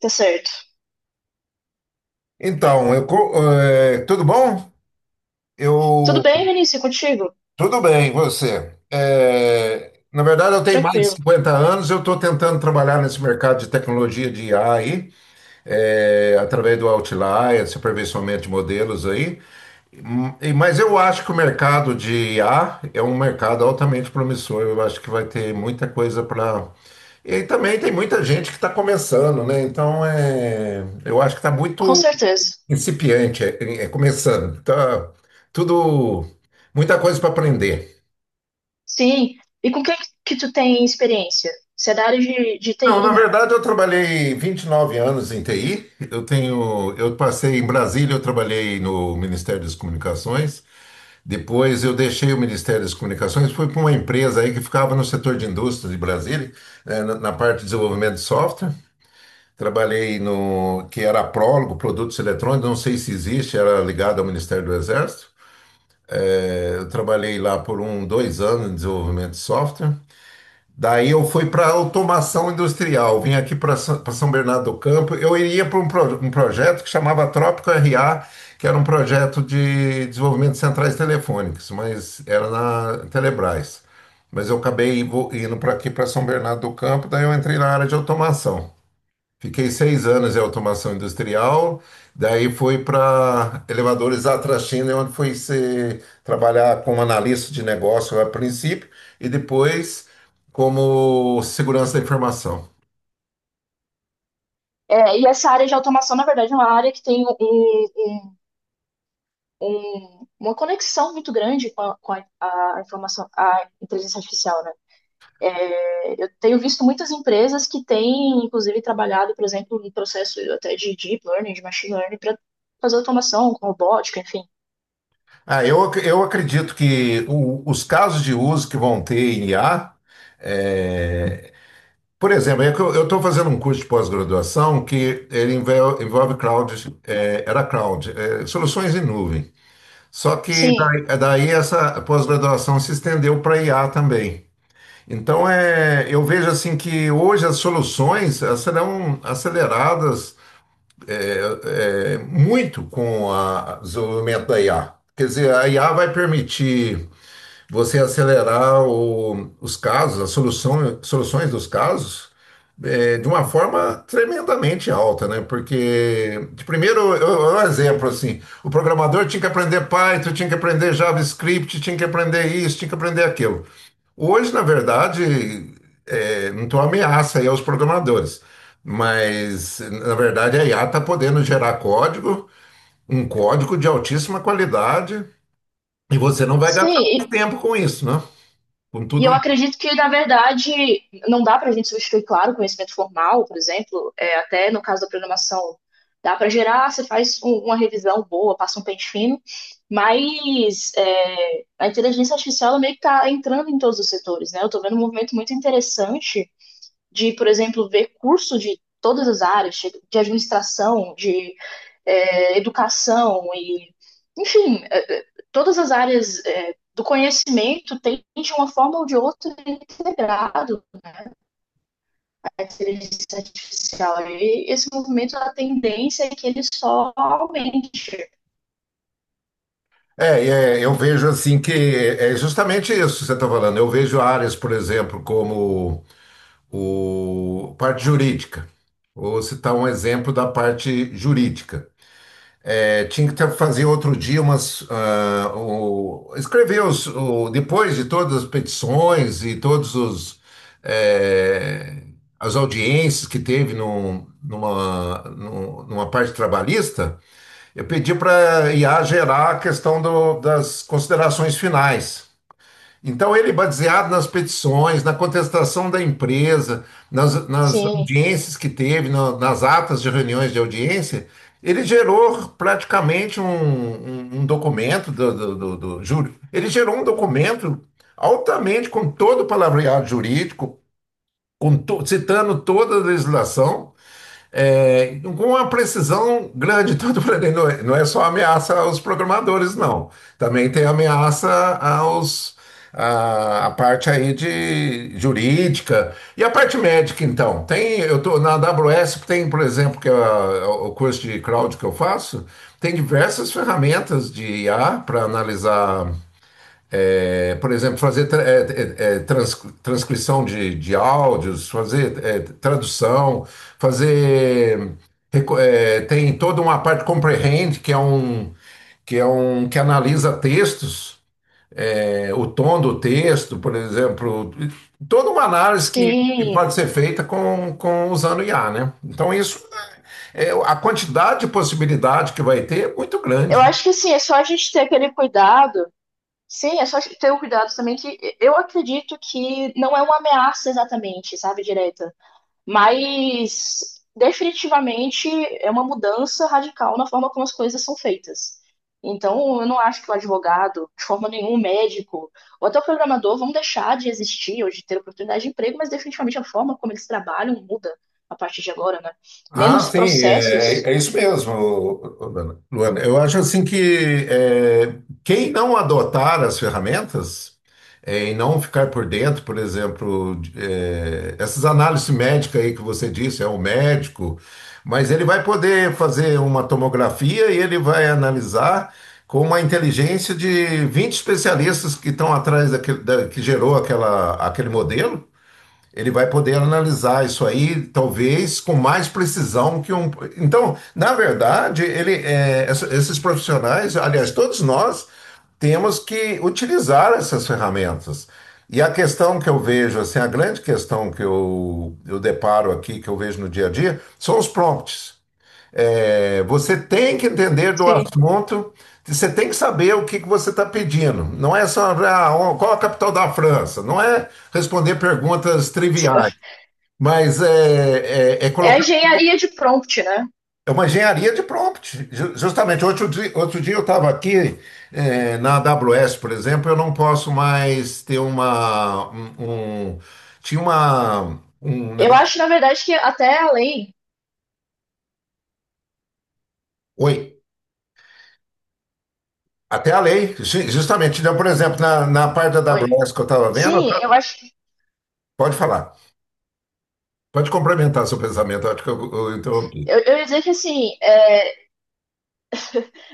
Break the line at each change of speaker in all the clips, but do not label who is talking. Tá certo.
Então, tudo bom?
Tudo
Eu,
bem, Vinícius, é contigo?
tudo bem, você? Na verdade, eu tenho mais de
Tranquilo.
50 anos, eu estou tentando trabalhar nesse mercado de tecnologia de IA aí, através do Outlier, esse aperfeiçoamento de modelos aí. Mas eu acho que o mercado de IA é um mercado altamente promissor, eu acho que vai ter muita coisa para. E também tem muita gente que está começando, né? Então, eu acho que está
Com
muito
certeza.
incipiente, começando. Tá tudo, muita coisa para aprender.
Sim. E com o que tu tem experiência? Você é da área de
Não,
TI,
na
né?
verdade, eu trabalhei 29 anos em TI. Eu tenho, eu passei em Brasília, eu trabalhei no Ministério das Comunicações. Depois eu deixei o Ministério das Comunicações, fui para uma empresa aí que ficava no setor de indústria de Brasília, né, na na parte de desenvolvimento de software. Trabalhei no que era a Prólogo, Produtos Eletrônicos, não sei se existe, era ligado ao Ministério do Exército. Eu trabalhei lá por um, 2 anos em desenvolvimento de software. Daí eu fui para automação industrial. Vim aqui para São Bernardo do Campo. Eu iria para um projeto que chamava Trópico RA, que era um projeto de desenvolvimento de centrais telefônicas, mas era na Telebrás. Mas eu acabei indo para aqui para São Bernardo do Campo. Daí eu entrei na área de automação. Fiquei 6 anos em automação industrial, daí fui para elevadores Atrachina, onde fui ser, trabalhar como analista de negócio a princípio e depois como segurança da informação.
É, e essa área de automação, na verdade, é uma área que tem uma conexão muito grande com a informação, a inteligência artificial, né? Eu tenho visto muitas empresas que têm, inclusive, trabalhado, por exemplo, no processo até de deep learning, de machine learning, para fazer automação com robótica, enfim.
Ah, eu acredito que os casos de uso que vão ter em IA, é, por exemplo, é que eu estou fazendo um curso de pós-graduação que ele envolve, cloud, era cloud, soluções em nuvem. Só que
Sim,
daí, daí essa pós-graduação se estendeu para IA também. Então, eu vejo assim que hoje as soluções elas serão aceleradas muito com o desenvolvimento da IA. Quer dizer, a IA vai permitir você acelerar os casos, as soluções dos casos, de uma forma tremendamente alta, né? Porque, de primeiro, um exemplo assim, o programador tinha que aprender Python, tinha que aprender JavaScript, tinha que aprender isso, tinha que aprender aquilo. Hoje, na verdade, não estou ameaça aí aos programadores, mas na verdade a IA está podendo gerar código, um código de altíssima qualidade, e você não vai gastar
sim.
mais tempo com isso, né? Com
E
tudo
eu
isso.
acredito que, na verdade, não dá para a gente substituir, claro, o conhecimento formal, por exemplo, até no caso da programação, dá para gerar, você faz uma revisão boa, passa um pente fino, mas a inteligência artificial ela meio que está entrando em todos os setores, né? Eu estou vendo um movimento muito interessante de, por exemplo, ver curso de todas as áreas, de administração, de educação e, enfim, todas as áreas do conhecimento têm de uma forma ou de outra integrado a inteligência artificial. E esse movimento, a tendência é que ele só aumente.
É, eu vejo assim que justamente isso que você está falando. Eu vejo áreas, por exemplo, como o parte jurídica. Vou citar um exemplo da parte jurídica. Tinha que ter, fazer outro dia umas. Escrever os, depois de todas as petições e todos os. eh, as audiências que teve numa parte trabalhista. Eu pedi para a IA gerar a questão das considerações finais. Então, ele, baseado nas petições, na contestação da empresa, nas
Sim,
audiências que teve, nas atas de reuniões de audiência, ele gerou praticamente um documento do júri. Ele gerou um documento altamente com todo o palavreado jurídico, com citando toda a legislação, com uma precisão grande. Então, eu falei, não é, não é só ameaça aos programadores, não. Também tem ameaça aos, a parte aí de jurídica. E a parte médica, então? Tem, eu tô na AWS, tem, por exemplo, que é o curso de cloud que eu faço, tem diversas ferramentas de IA para analisar por exemplo, fazer transcrição de áudios, fazer tradução, fazer. Tem toda uma parte comprehend, que é um que, que analisa textos, o tom do texto, por exemplo. Toda uma análise que
sim.
pode ser feita com usando IA, né? Então, isso, a quantidade de possibilidade que vai ter é muito
Eu
grande.
acho que assim, é só a gente ter aquele cuidado. Sim, é só ter o cuidado também que eu acredito que não é uma ameaça exatamente, sabe, direta. Mas definitivamente é uma mudança radical na forma como as coisas são feitas. Então, eu não acho que o advogado, de forma nenhuma, o médico, ou até o programador vão deixar de existir ou de ter oportunidade de emprego, mas definitivamente a forma como eles trabalham muda a partir de agora, né?
Ah,
Menos
sim, é
processos.
isso mesmo, Luana. Luana, eu acho assim que quem não adotar as ferramentas e não ficar por dentro, por exemplo, essas análises médicas aí que você disse, é o médico, mas ele vai poder fazer uma tomografia e ele vai analisar com uma inteligência de 20 especialistas que estão atrás daquele, que gerou aquela, aquele modelo. Ele vai poder analisar isso aí, talvez, com mais precisão que um. Então, na verdade, esses profissionais, aliás, todos nós, temos que utilizar essas ferramentas. E a questão que eu vejo, assim, a grande questão que eu deparo aqui, que eu vejo no dia a dia, são os prompts. Você tem que entender do
Sim.
assunto, você tem que saber o que, que você está pedindo. Não é só ah, ó, qual a capital da França, não é responder perguntas triviais, mas
É a
colocar.
engenharia de prompt, né?
É uma engenharia de prompt. Justamente, outro dia eu estava aqui na AWS, por exemplo, eu não posso mais ter uma. Tinha um
Eu
negócio.
acho, na verdade, que até além.
Oi. Até a lei, justamente. Então, por exemplo, na parte da
Oi.
AWS que eu estava vendo,
Sim, eu
tá?
acho.
Pode falar. Pode complementar seu pensamento. Eu acho que eu interrompi.
Eu ia dizer que, assim, é,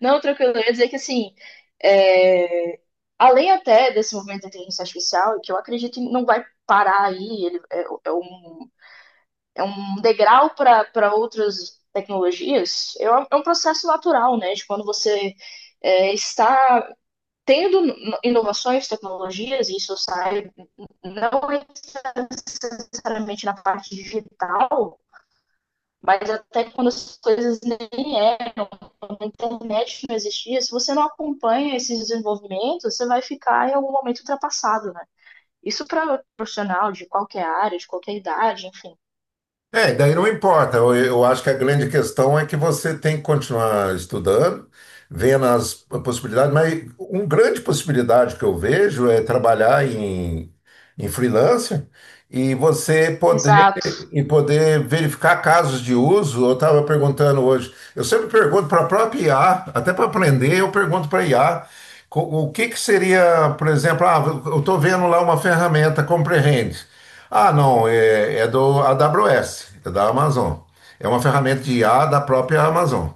não, tranquilo, eu ia dizer que assim, é, além até desse movimento da inteligência artificial, que eu acredito que não vai parar aí, ele é, é um degrau para outras tecnologias, é um processo natural, né? De quando você está tendo inovações, tecnologias, e isso sai não necessariamente na parte digital, mas até quando as coisas nem é a internet não existia, se você não acompanha esses desenvolvimentos, você vai ficar em algum momento ultrapassado, né? Isso para profissional de qualquer área, de qualquer idade, enfim.
Daí não importa. Eu acho que a grande questão é que você tem que continuar estudando, vendo as possibilidades, mas uma grande possibilidade que eu vejo é trabalhar em freelancer e você poder
Exato.
em poder verificar casos de uso, eu estava perguntando hoje. Eu sempre pergunto para a própria IA, até para aprender, eu pergunto para a IA o que que seria, por exemplo, ah, eu estou vendo lá uma ferramenta Comprehend. Ah, não, é do AWS, é da Amazon. É uma ferramenta de IA da própria Amazon.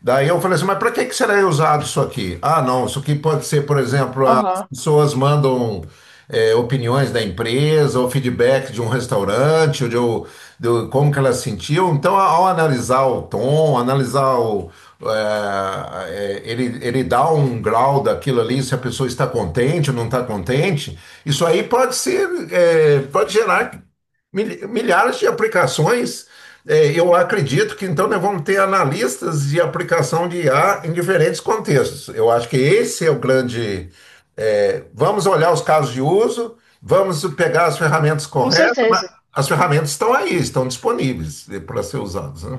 Daí eu falei assim, mas para que que será usado isso aqui? Ah, não, isso aqui pode ser, por exemplo,
Aham.
pessoas mandam opiniões da empresa, ou feedback de um restaurante, ou de como que elas sentiam. Então, ao analisar o tom, analisar o, é, é, ele dá um grau daquilo ali, se a pessoa está contente ou não está contente, isso aí pode ser, pode gerar milhares de aplicações. É, eu acredito que então nós vamos ter analistas de aplicação de IA em diferentes contextos. Eu acho que esse é o grande vamos olhar os casos de uso, vamos pegar as ferramentas
Com
corretas, mas
certeza.
as ferramentas estão aí, estão disponíveis né, para ser usadas, né?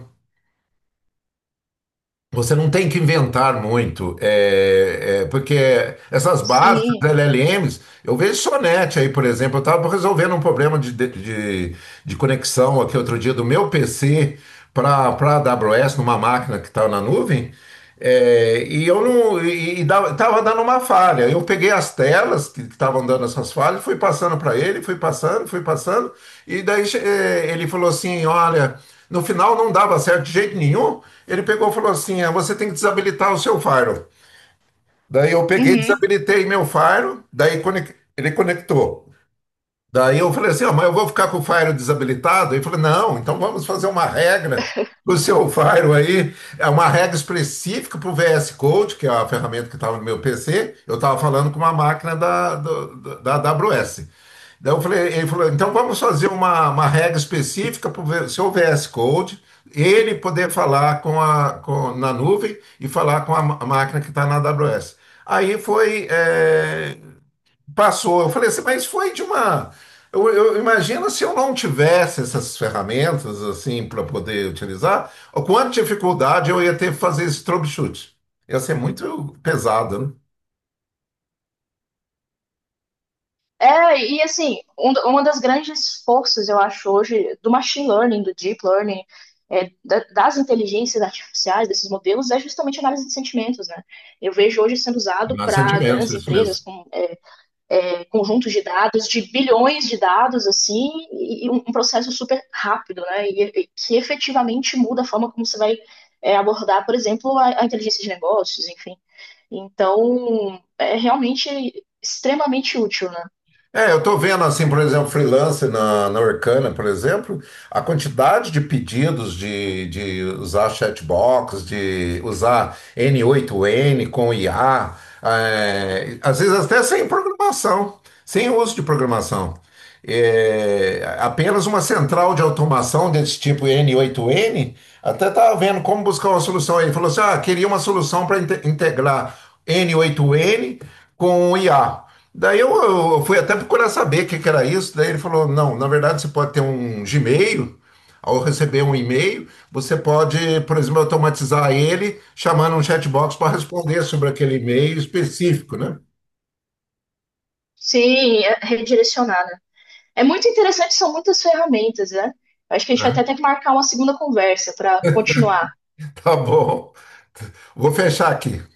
Você não tem que inventar muito, porque essas bases,
Sim.
LLMs, eu vejo Sonete aí, por exemplo, eu estava resolvendo um problema de conexão aqui outro dia do meu PC para a AWS, numa máquina que estava na nuvem, e eu não, tava dando uma falha. Eu peguei as telas que estavam dando essas falhas, fui passando para ele, fui passando, e daí ele falou assim, olha. No final não dava certo de jeito nenhum. Ele pegou e falou assim: "Ah, você tem que desabilitar o seu faro." Daí eu peguei,
Uhum.
desabilitei meu faro, daí ele conectou. Daí eu falei assim, ó, mas eu vou ficar com o Fire desabilitado? Ele falou, não, então vamos fazer uma regra do seu Fire aí, é uma regra específica para o VS Code, que é a ferramenta que estava no meu PC, eu estava falando com uma máquina da AWS. Daí eu falei, ele falou, então vamos fazer uma regra específica para o seu VS Code, ele poder falar com na nuvem e falar com a máquina que está na AWS. Aí foi, passou. Eu falei assim, mas foi de uma. Eu imagino se eu não tivesse essas ferramentas assim para poder utilizar, o quanto de dificuldade eu ia ter que fazer esse troubleshoot. Ia ser muito pesado, né?
É, e assim, um, uma das grandes forças, eu acho, hoje, do machine learning, do deep learning, das inteligências artificiais, desses modelos, é justamente a análise de sentimentos, né? Eu vejo hoje sendo usado
Mas
para
sentimentos,
grandes
isso mesmo.
empresas com conjuntos de dados, de bilhões de dados, assim, e, um processo super rápido, né? E que efetivamente muda a forma como você vai abordar, por exemplo, a inteligência de negócios, enfim. Então, é realmente extremamente útil, né?
É, eu estou vendo assim, por exemplo, freelance na Orkana, por exemplo, a quantidade de pedidos de usar chatbox, de usar N8N com IA, às vezes até sem programação, sem uso de programação. É, apenas uma central de automação desse tipo N8N, até estava vendo como buscar uma solução aí. Falou assim: ah, queria uma solução para integrar N8N com o IA. Daí eu fui até procurar saber o que, que era isso. Daí ele falou: não, na verdade você pode ter um Gmail, ao receber um e-mail, você pode, por exemplo, automatizar ele chamando um chatbox para responder sobre aquele e-mail específico, né?
Se é, redirecionar, né? É muito interessante, são muitas ferramentas, né? Acho que a gente vai até
Aham.
ter que marcar uma segunda conversa para continuar
Tá bom, vou fechar aqui.